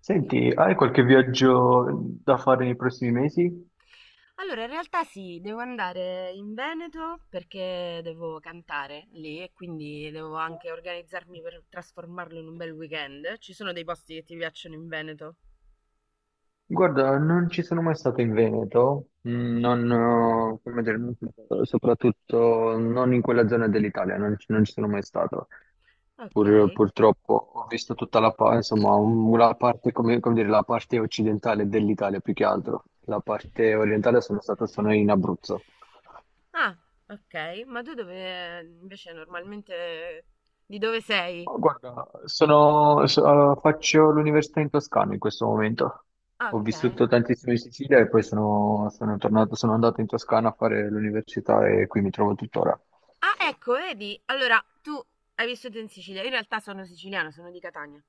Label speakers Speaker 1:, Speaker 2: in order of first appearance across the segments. Speaker 1: Senti, hai qualche viaggio da fare nei prossimi mesi?
Speaker 2: Allora, in realtà sì, devo andare in Veneto perché devo cantare lì e quindi devo anche organizzarmi per trasformarlo in un bel weekend. Ci sono dei posti che ti piacciono in Veneto?
Speaker 1: Guarda, non ci sono mai stato in Veneto,
Speaker 2: Mm,
Speaker 1: non, come dire, soprattutto non in quella zona dell'Italia, non, ci non ci sono mai stato.
Speaker 2: ok.
Speaker 1: Purtroppo ho visto tutta la, insomma, la parte, come dire, la parte occidentale dell'Italia più che altro. La parte orientale sono stato solo in Abruzzo.
Speaker 2: Ah, ok. Ma tu dove invece normalmente di dove sei?
Speaker 1: Ma guarda, sono, allora, faccio l'università in Toscana in questo momento. Ho
Speaker 2: Ok.
Speaker 1: vissuto tantissimo in Sicilia e poi sono tornato, sono andato in Toscana a fare l'università e qui mi trovo tuttora.
Speaker 2: Ah, ecco, vedi? Allora, tu hai vissuto in Sicilia. Io in realtà sono siciliana, sono di Catania.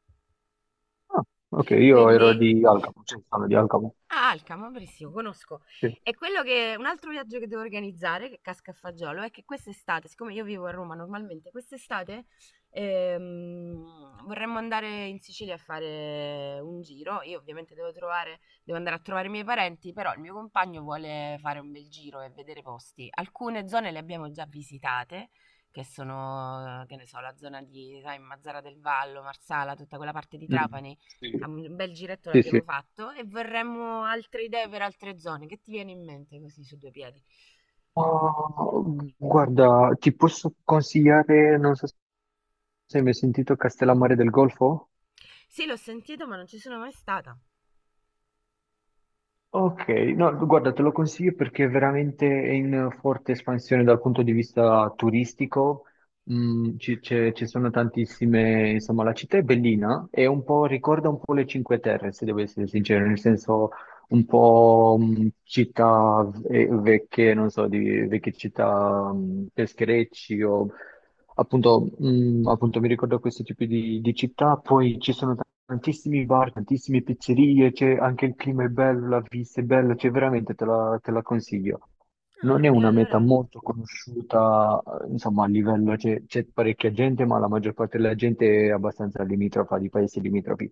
Speaker 1: Ah, ok, io
Speaker 2: Quindi?
Speaker 1: ero di Alcamo, cioè sono di Alcamo.
Speaker 2: Ah, Alcamo, benissimo, conosco.
Speaker 1: Sì.
Speaker 2: E quello che un altro viaggio che devo organizzare, che casca a fagiolo, è che quest'estate, siccome io vivo a Roma normalmente, quest'estate vorremmo andare in Sicilia a fare un giro. Io ovviamente devo trovare, devo andare a trovare i miei parenti, però il mio compagno vuole fare un bel giro e vedere posti. Alcune zone le abbiamo già visitate, che sono, che ne so, la zona di, sai, Mazzara del Vallo, Marsala, tutta quella parte di
Speaker 1: Mm,
Speaker 2: Trapani. Ah,
Speaker 1: sì.
Speaker 2: un bel giretto
Speaker 1: Sì,
Speaker 2: l'abbiamo
Speaker 1: sì.
Speaker 2: fatto e vorremmo altre idee per altre zone. Che ti viene in mente così su due piedi?
Speaker 1: Ma, guarda, ti posso consigliare, non so se hai mai sentito Castellammare del Golfo?
Speaker 2: Sì, l'ho sentito, ma non ci sono mai stata.
Speaker 1: Ok, no, guarda, te lo consiglio perché veramente è in forte espansione dal punto di vista turistico. Ci sono tantissime, insomma, la città è bellina e un po', ricorda un po' le Cinque Terre, se devo essere sincero, nel senso un po' città vecchie, non so, di vecchie città pescherecci o appunto, mi ricordo questi tipi di città, poi ci sono tantissimi bar, tantissime pizzerie, c'è anche il clima è bello, la vista è bella, cioè veramente te la consiglio. Non
Speaker 2: Ah,
Speaker 1: è
Speaker 2: e
Speaker 1: una meta
Speaker 2: allora.
Speaker 1: molto conosciuta, insomma, a livello, c'è parecchia gente, ma la maggior parte della gente è abbastanza limitrofa, di paesi limitrofi,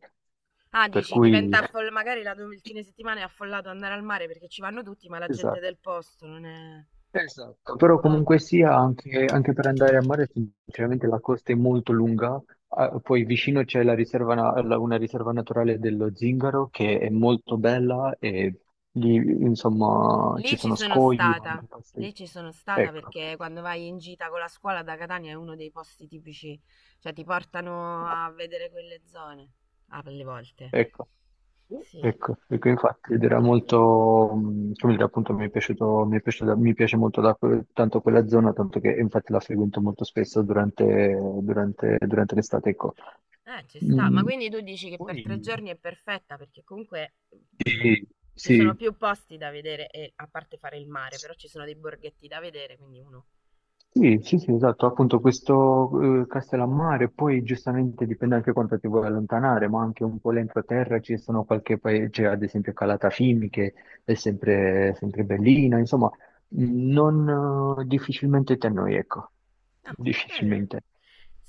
Speaker 2: Ah,
Speaker 1: per
Speaker 2: dici,
Speaker 1: cui,
Speaker 2: diventa affoll- magari la- il fine settimana è affollato andare al mare perché ci vanno tutti, ma la gente
Speaker 1: esatto.
Speaker 2: del posto non è.
Speaker 1: Esatto, però
Speaker 2: Ah.
Speaker 1: comunque sia anche per andare a mare, sinceramente la costa è molto lunga. Ah, poi vicino c'è la riserva na- la- una riserva naturale dello Zingaro che è molto bella e lì insomma
Speaker 2: Lì
Speaker 1: ci
Speaker 2: ci
Speaker 1: sono
Speaker 2: sono
Speaker 1: scogli, ma
Speaker 2: stata,
Speaker 1: anche passi.
Speaker 2: lì ci sono stata
Speaker 1: Ecco.
Speaker 2: perché quando vai in gita con la scuola da Catania è uno dei posti tipici, cioè ti portano a vedere quelle zone, alle volte.
Speaker 1: Ecco,
Speaker 2: Sì,
Speaker 1: ecco, ecco, infatti ed era molto, come dire, appunto mi è piaciuto, mi piace molto tanto quella zona, tanto che infatti la frequento molto spesso durante l'estate, ecco.
Speaker 2: ci sta. Ma
Speaker 1: Mm,
Speaker 2: quindi tu dici che per tre
Speaker 1: Poi,
Speaker 2: giorni è perfetta perché comunque mh,
Speaker 1: sì,
Speaker 2: ci sono
Speaker 1: sì.
Speaker 2: più posti da vedere, e, a parte fare il mare, però ci sono dei borghetti da vedere, quindi uno...
Speaker 1: Sì, sì, sì, esatto, appunto questo Castellammare, poi giustamente dipende anche quanto ti vuoi allontanare, ma anche un po' l'entroterra ci sono qualche paese, ad esempio Calatafimi, che è sempre, sempre bellina, insomma, non difficilmente te noi, ecco,
Speaker 2: Ah, bello.
Speaker 1: difficilmente.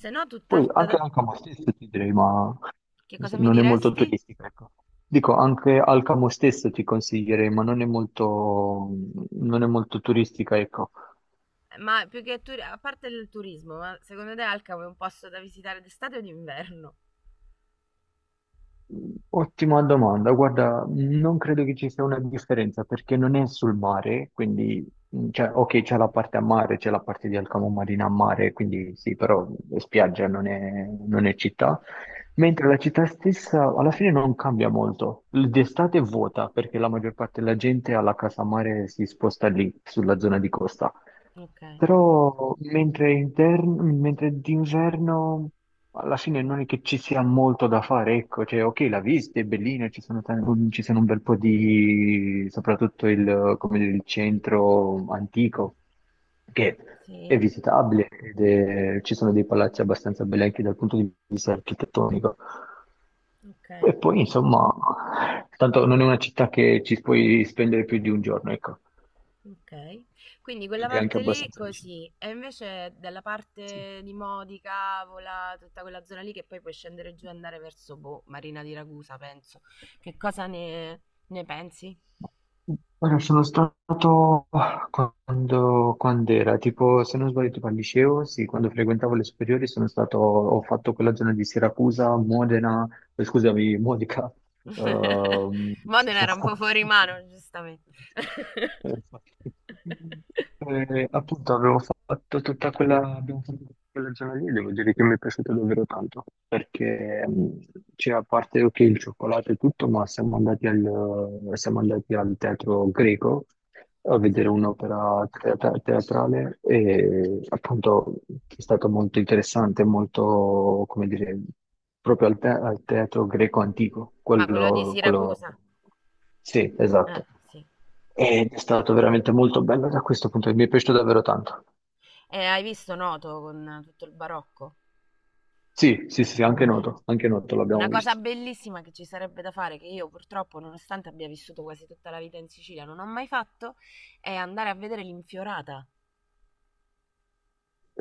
Speaker 2: Se no,
Speaker 1: Poi anche
Speaker 2: tutt'altra...
Speaker 1: Alcamo stesso ti direi, ma
Speaker 2: Che cosa
Speaker 1: insomma,
Speaker 2: mi
Speaker 1: non è molto
Speaker 2: diresti?
Speaker 1: turistica, ecco. Dico, anche Alcamo stesso ti consiglierei, ma non è molto turistica, ecco.
Speaker 2: Ma più che turi- a parte il turismo, ma secondo te Alcamo è un posto da visitare d'estate o d'inverno?
Speaker 1: Ottima domanda. Guarda, non credo che ci sia una differenza perché non è sul mare, quindi, cioè, ok, c'è la parte a mare, c'è la parte di Alcamo Marina a mare, quindi sì, però è spiaggia non è città. Mentre la città stessa alla fine non cambia molto. D'estate è vuota perché la maggior parte della gente alla casa mare si sposta lì, sulla zona di costa.
Speaker 2: Ok.
Speaker 1: Però mentre d'inverno alla fine non è che ci sia molto da fare, ecco, cioè ok la vista è bellina, ci sono un bel po' di, soprattutto il, come dire, il centro antico, che è
Speaker 2: Sì.
Speaker 1: visitabile ci sono dei palazzi abbastanza belli anche dal punto di vista architettonico.
Speaker 2: Ok,
Speaker 1: E poi, insomma, tanto non è una città che ci puoi spendere più di un giorno, ecco,
Speaker 2: ok. Quindi quella
Speaker 1: ed è anche
Speaker 2: parte lì
Speaker 1: abbastanza vicino.
Speaker 2: così, e invece dalla
Speaker 1: Sì.
Speaker 2: parte di Modi, Cavola, tutta quella zona lì che poi puoi scendere giù e andare verso boh, Marina di Ragusa, penso. Che cosa ne, ne pensi?
Speaker 1: Allora, sono stato quando era, tipo, se non sbaglio, tipo al liceo, sì, quando frequentavo le superiori sono stato, ho fatto quella zona di Siracusa, Modena, scusami, Modica, ehm, ci
Speaker 2: Modena
Speaker 1: sono-
Speaker 2: era un po' fuori mano, giustamente.
Speaker 1: Appunto avevo fatto tutta quella zona lì, devo dire che mi è piaciuto davvero tanto, perché cioè, a parte ok, il cioccolato e tutto, ma siamo andati al teatro greco a vedere
Speaker 2: Sì,
Speaker 1: un'opera teatrale e appunto è stato molto interessante, molto, come dire, proprio al teatro greco antico,
Speaker 2: ma quello di
Speaker 1: quello,
Speaker 2: Siracusa?
Speaker 1: quello... Sì,
Speaker 2: Ah,
Speaker 1: esatto.
Speaker 2: sì.
Speaker 1: Ed è stato veramente molto bello da questo punto, mi è piaciuto davvero tanto.
Speaker 2: Hai visto Noto con tutto il barocco?
Speaker 1: Sì, sì, sì, sì, anche Noto l'abbiamo
Speaker 2: Una cosa
Speaker 1: visto.
Speaker 2: bellissima che ci sarebbe da fare, che io purtroppo, nonostante abbia vissuto quasi tutta la vita in Sicilia, non ho mai fatto, è andare a vedere l'infiorata.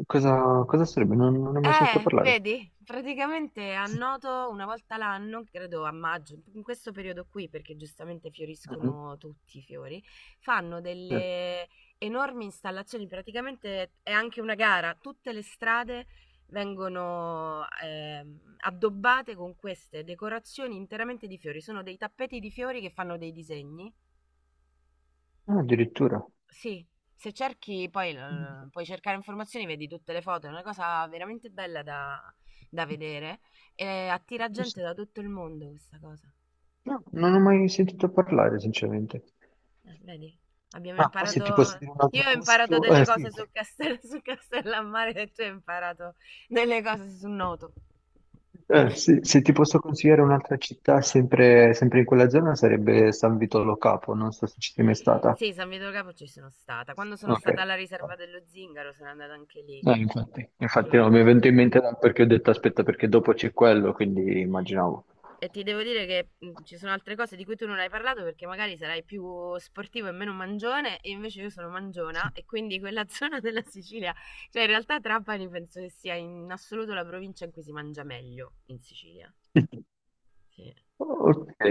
Speaker 1: Cosa sarebbe? Non ne ho mai sentito parlare.
Speaker 2: Vedi? Praticamente annoto una volta l'anno, credo a maggio, in questo periodo qui, perché giustamente
Speaker 1: Mhm.
Speaker 2: fioriscono tutti i fiori, fanno
Speaker 1: Eh,
Speaker 2: delle enormi installazioni, praticamente è anche una gara, tutte le strade vengono addobbate con queste decorazioni interamente di fiori, sono dei tappeti di fiori che fanno dei disegni,
Speaker 1: ah, addirittura.
Speaker 2: sì, se cerchi poi l- puoi cercare informazioni, vedi tutte le foto, è una cosa veramente bella da, da vedere e attira gente da tutto il mondo questa cosa.
Speaker 1: No, non ho mai sentito parlare, sinceramente.
Speaker 2: Vedi, abbiamo
Speaker 1: Ah, poi se ti posso
Speaker 2: imparato,
Speaker 1: dire un altro
Speaker 2: io ho imparato
Speaker 1: posto,
Speaker 2: delle
Speaker 1: sì.
Speaker 2: cose su, Castel, su Castellammare e tu hai imparato delle cose su Noto.
Speaker 1: Sì, se ti posso consigliare un'altra città, sempre, sempre in quella zona, sarebbe San Vito Lo Capo, non so se ci sei mai stata.
Speaker 2: Sì, San Vito del Capo ci sono stata. Quando sono
Speaker 1: Ok.
Speaker 2: stata alla riserva dello Zingaro sono andata anche lì.
Speaker 1: Infatti, infatti
Speaker 2: Mm.
Speaker 1: no, mi è venuto in mente perché ho detto aspetta perché dopo c'è quello, quindi immaginavo.
Speaker 2: E ti devo dire che ci sono altre cose di cui tu non hai parlato perché magari sarai più sportivo e meno mangione, e invece io sono mangiona e quindi quella zona della Sicilia, cioè in realtà Trapani penso che sia in assoluto la provincia in cui si mangia meglio in Sicilia. Sì,
Speaker 1: Ok,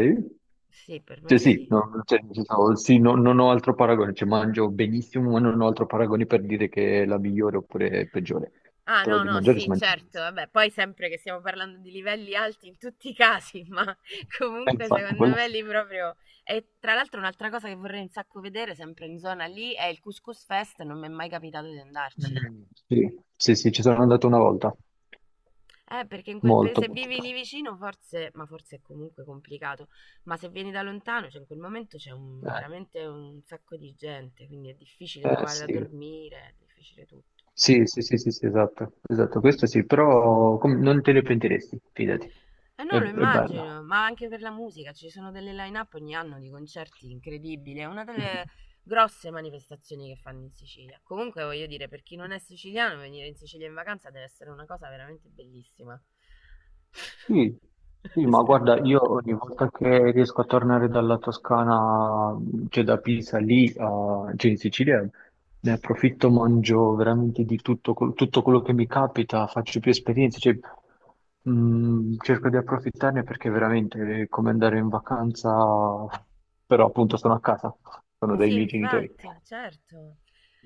Speaker 2: sì, per me
Speaker 1: cioè sì,
Speaker 2: sì.
Speaker 1: no, cioè, nel senso, sì, non ho altro paragone, cioè mangio benissimo, ma non ho altro paragone per dire che è la migliore oppure peggiore,
Speaker 2: Ah
Speaker 1: però
Speaker 2: no,
Speaker 1: di
Speaker 2: no,
Speaker 1: mangiare si
Speaker 2: sì,
Speaker 1: mangia
Speaker 2: certo,
Speaker 1: benissimo.
Speaker 2: vabbè, poi sempre che stiamo parlando di livelli alti in tutti i casi, ma comunque
Speaker 1: Infatti,
Speaker 2: secondo
Speaker 1: quello
Speaker 2: me
Speaker 1: sì.
Speaker 2: lì proprio... E tra l'altro un'altra cosa che vorrei un sacco vedere, sempre in zona lì, è il Couscous Fest, non mi è mai capitato di andarci.
Speaker 1: Mm, sì, sì, sì, ci sono andato una volta,
Speaker 2: Perché in quel paese,
Speaker 1: molto,
Speaker 2: se
Speaker 1: molto
Speaker 2: vivi lì vicino, forse, ma forse è comunque complicato, ma se vieni da lontano, cioè in quel momento c'è un-
Speaker 1: bene.
Speaker 2: veramente un sacco di gente, quindi è difficile trovare da
Speaker 1: Sì.
Speaker 2: dormire, è difficile tutto.
Speaker 1: Sì, sì, sì, sì, sì, esatto, esatto,
Speaker 2: Mm.
Speaker 1: questo sì, però non te ne pentiresti, fidati,
Speaker 2: Eh
Speaker 1: è,
Speaker 2: no, lo
Speaker 1: è bello.
Speaker 2: immagino, ma anche per la musica, ci sono delle line-up ogni anno di concerti incredibili, è una delle
Speaker 1: Mhm.
Speaker 2: grosse manifestazioni che fanno in Sicilia. Comunque voglio dire, per chi non è siciliano, venire in Sicilia in vacanza deve essere una cosa veramente bellissima.
Speaker 1: Sì, sì, ma guarda, io ogni volta che riesco a tornare dalla Toscana, cioè da Pisa lì, cioè in Sicilia, ne approfitto, mangio veramente di tutto, tutto quello che mi capita, faccio più esperienze, cioè, cerco di approfittarne perché veramente è come andare in vacanza, però appunto sono a casa, sono dai
Speaker 2: Sì,
Speaker 1: miei genitori.
Speaker 2: infatti, certo.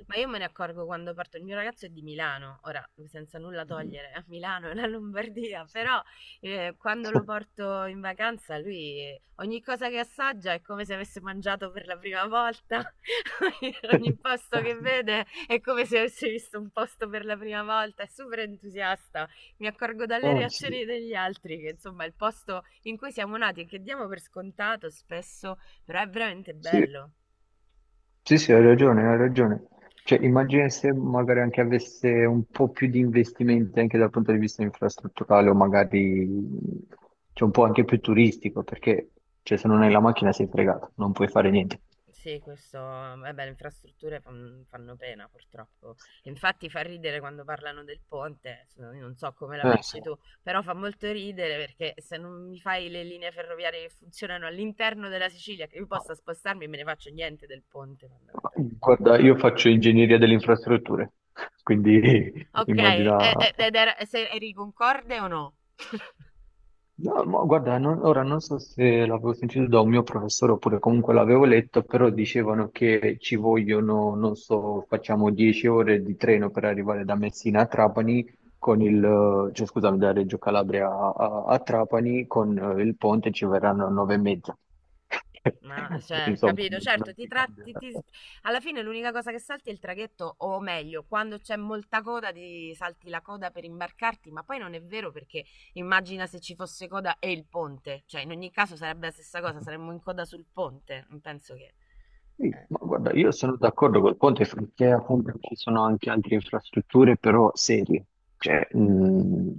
Speaker 2: Ma io me ne accorgo quando parto. Il mio ragazzo è di Milano, ora senza nulla togliere a Milano e la Lombardia, però quando lo porto in vacanza, lui ogni cosa che assaggia è come se avesse mangiato per la prima volta. Ogni posto
Speaker 1: Ah,
Speaker 2: che
Speaker 1: sì.
Speaker 2: vede è come se avesse visto un posto per la prima volta. È super entusiasta. Mi accorgo dalle
Speaker 1: Ah, sì.
Speaker 2: reazioni degli altri che insomma il posto in cui siamo nati e che diamo per scontato spesso, però è veramente
Speaker 1: Sì.
Speaker 2: bello.
Speaker 1: Sì, sì, hai ragione, hai ragione. Cioè, immagina se magari anche avesse un po' più di investimenti anche dal punto di vista infrastrutturale o magari cioè, un po' anche più turistico, perché cioè, se non hai la macchina sei fregato, non puoi fare niente.
Speaker 2: Sì, questo, vabbè, le infrastrutture fan- fanno pena purtroppo. Infatti fa ridere quando parlano del ponte, s- io non so come la
Speaker 1: Sì.
Speaker 2: pensi tu, però fa molto ridere perché se non mi fai le linee ferroviarie che funzionano all'interno della Sicilia, che io possa spostarmi, me ne faccio niente del ponte fondamentalmente.
Speaker 1: Guarda, io faccio ingegneria delle infrastrutture, quindi
Speaker 2: Ok,
Speaker 1: immagina.
Speaker 2: e- ed era- se- eri concorde o no?
Speaker 1: No, ma guarda, ora non so se l'avevo sentito da un mio professore oppure comunque l'avevo letto, però dicevano che ci vogliono, non so, facciamo 10 ore di treno per arrivare da Messina a Trapani, con il, cioè scusami, da Reggio Calabria a Trapani, con il ponte ci verranno 9 e mezza.
Speaker 2: Ma, cioè,
Speaker 1: Insomma,
Speaker 2: capito?
Speaker 1: non,
Speaker 2: Certo,
Speaker 1: non
Speaker 2: ti
Speaker 1: ti cambia.
Speaker 2: tratti, ti- alla fine l'unica cosa che salti è il traghetto, o meglio, quando c'è molta coda ti salti la coda per imbarcarti, ma poi non è vero perché immagina se ci fosse coda e il ponte, cioè in ogni caso sarebbe la stessa cosa, saremmo in coda sul ponte, non penso che...
Speaker 1: Sì,
Speaker 2: eh.
Speaker 1: ma guarda, io sono d'accordo col ponte perché appunto ci sono anche altre infrastrutture però serie, cioè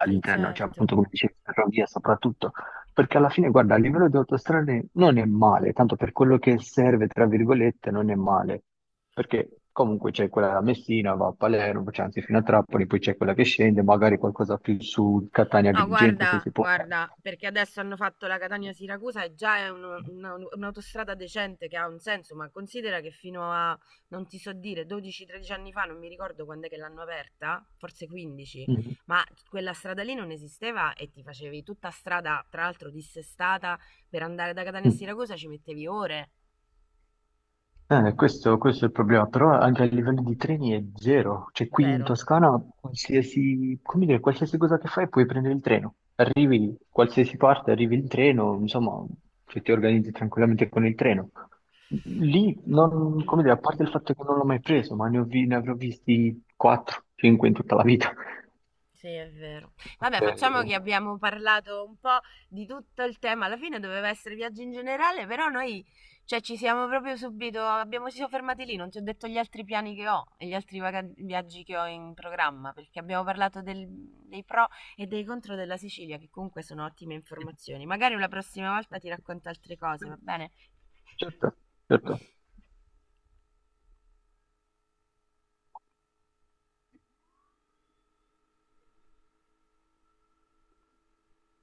Speaker 2: Sì,
Speaker 1: cioè
Speaker 2: certo.
Speaker 1: appunto come dicevi, ferrovia soprattutto, perché alla fine, guarda, a livello di autostrade non è male, tanto per quello che serve, tra virgolette, non è male, perché comunque c'è quella da Messina, va a Palermo, c'è anzi fino a Trapani, poi c'è quella che scende, magari qualcosa più su
Speaker 2: No,
Speaker 1: Catania-Agrigento se
Speaker 2: guarda,
Speaker 1: si può fare.
Speaker 2: guarda, perché adesso hanno fatto la Catania-Siracusa e già è uno- una- un'autostrada decente che ha un senso, ma considera che fino a, non ti so dire, 12-13 anni fa, non mi ricordo quando è che l'hanno aperta, forse 15, ma quella strada lì non esisteva e ti facevi tutta strada, tra l'altro dissestata, per andare da Catania a
Speaker 1: Mm.
Speaker 2: Siracusa ci mettevi ore,
Speaker 1: Questo è il problema, però anche a livello di treni è zero, cioè qui in
Speaker 2: zero.
Speaker 1: Toscana qualsiasi, come dire, qualsiasi cosa che fai puoi prendere il treno, arrivi qualsiasi parte, arrivi il treno, insomma, cioè, ti organizzi tranquillamente con il treno. Lì, non, come dire, a parte il fatto che non l'ho mai preso, ma ne avrò visti 4-5 in tutta la vita,
Speaker 2: Sì, è vero. Vabbè,
Speaker 1: perché...
Speaker 2: facciamo che abbiamo parlato un po' di tutto il tema. Alla fine doveva essere viaggio in generale, però noi, cioè, ci siamo proprio subito, abbiamo, ci siamo fermati lì, non ti ho detto gli altri piani che ho e gli altri vaga- viaggi che ho in programma, perché abbiamo parlato del- dei pro e dei contro della Sicilia, che comunque sono ottime informazioni. Magari la prossima volta ti racconto altre cose, va bene?
Speaker 1: Certo, certo.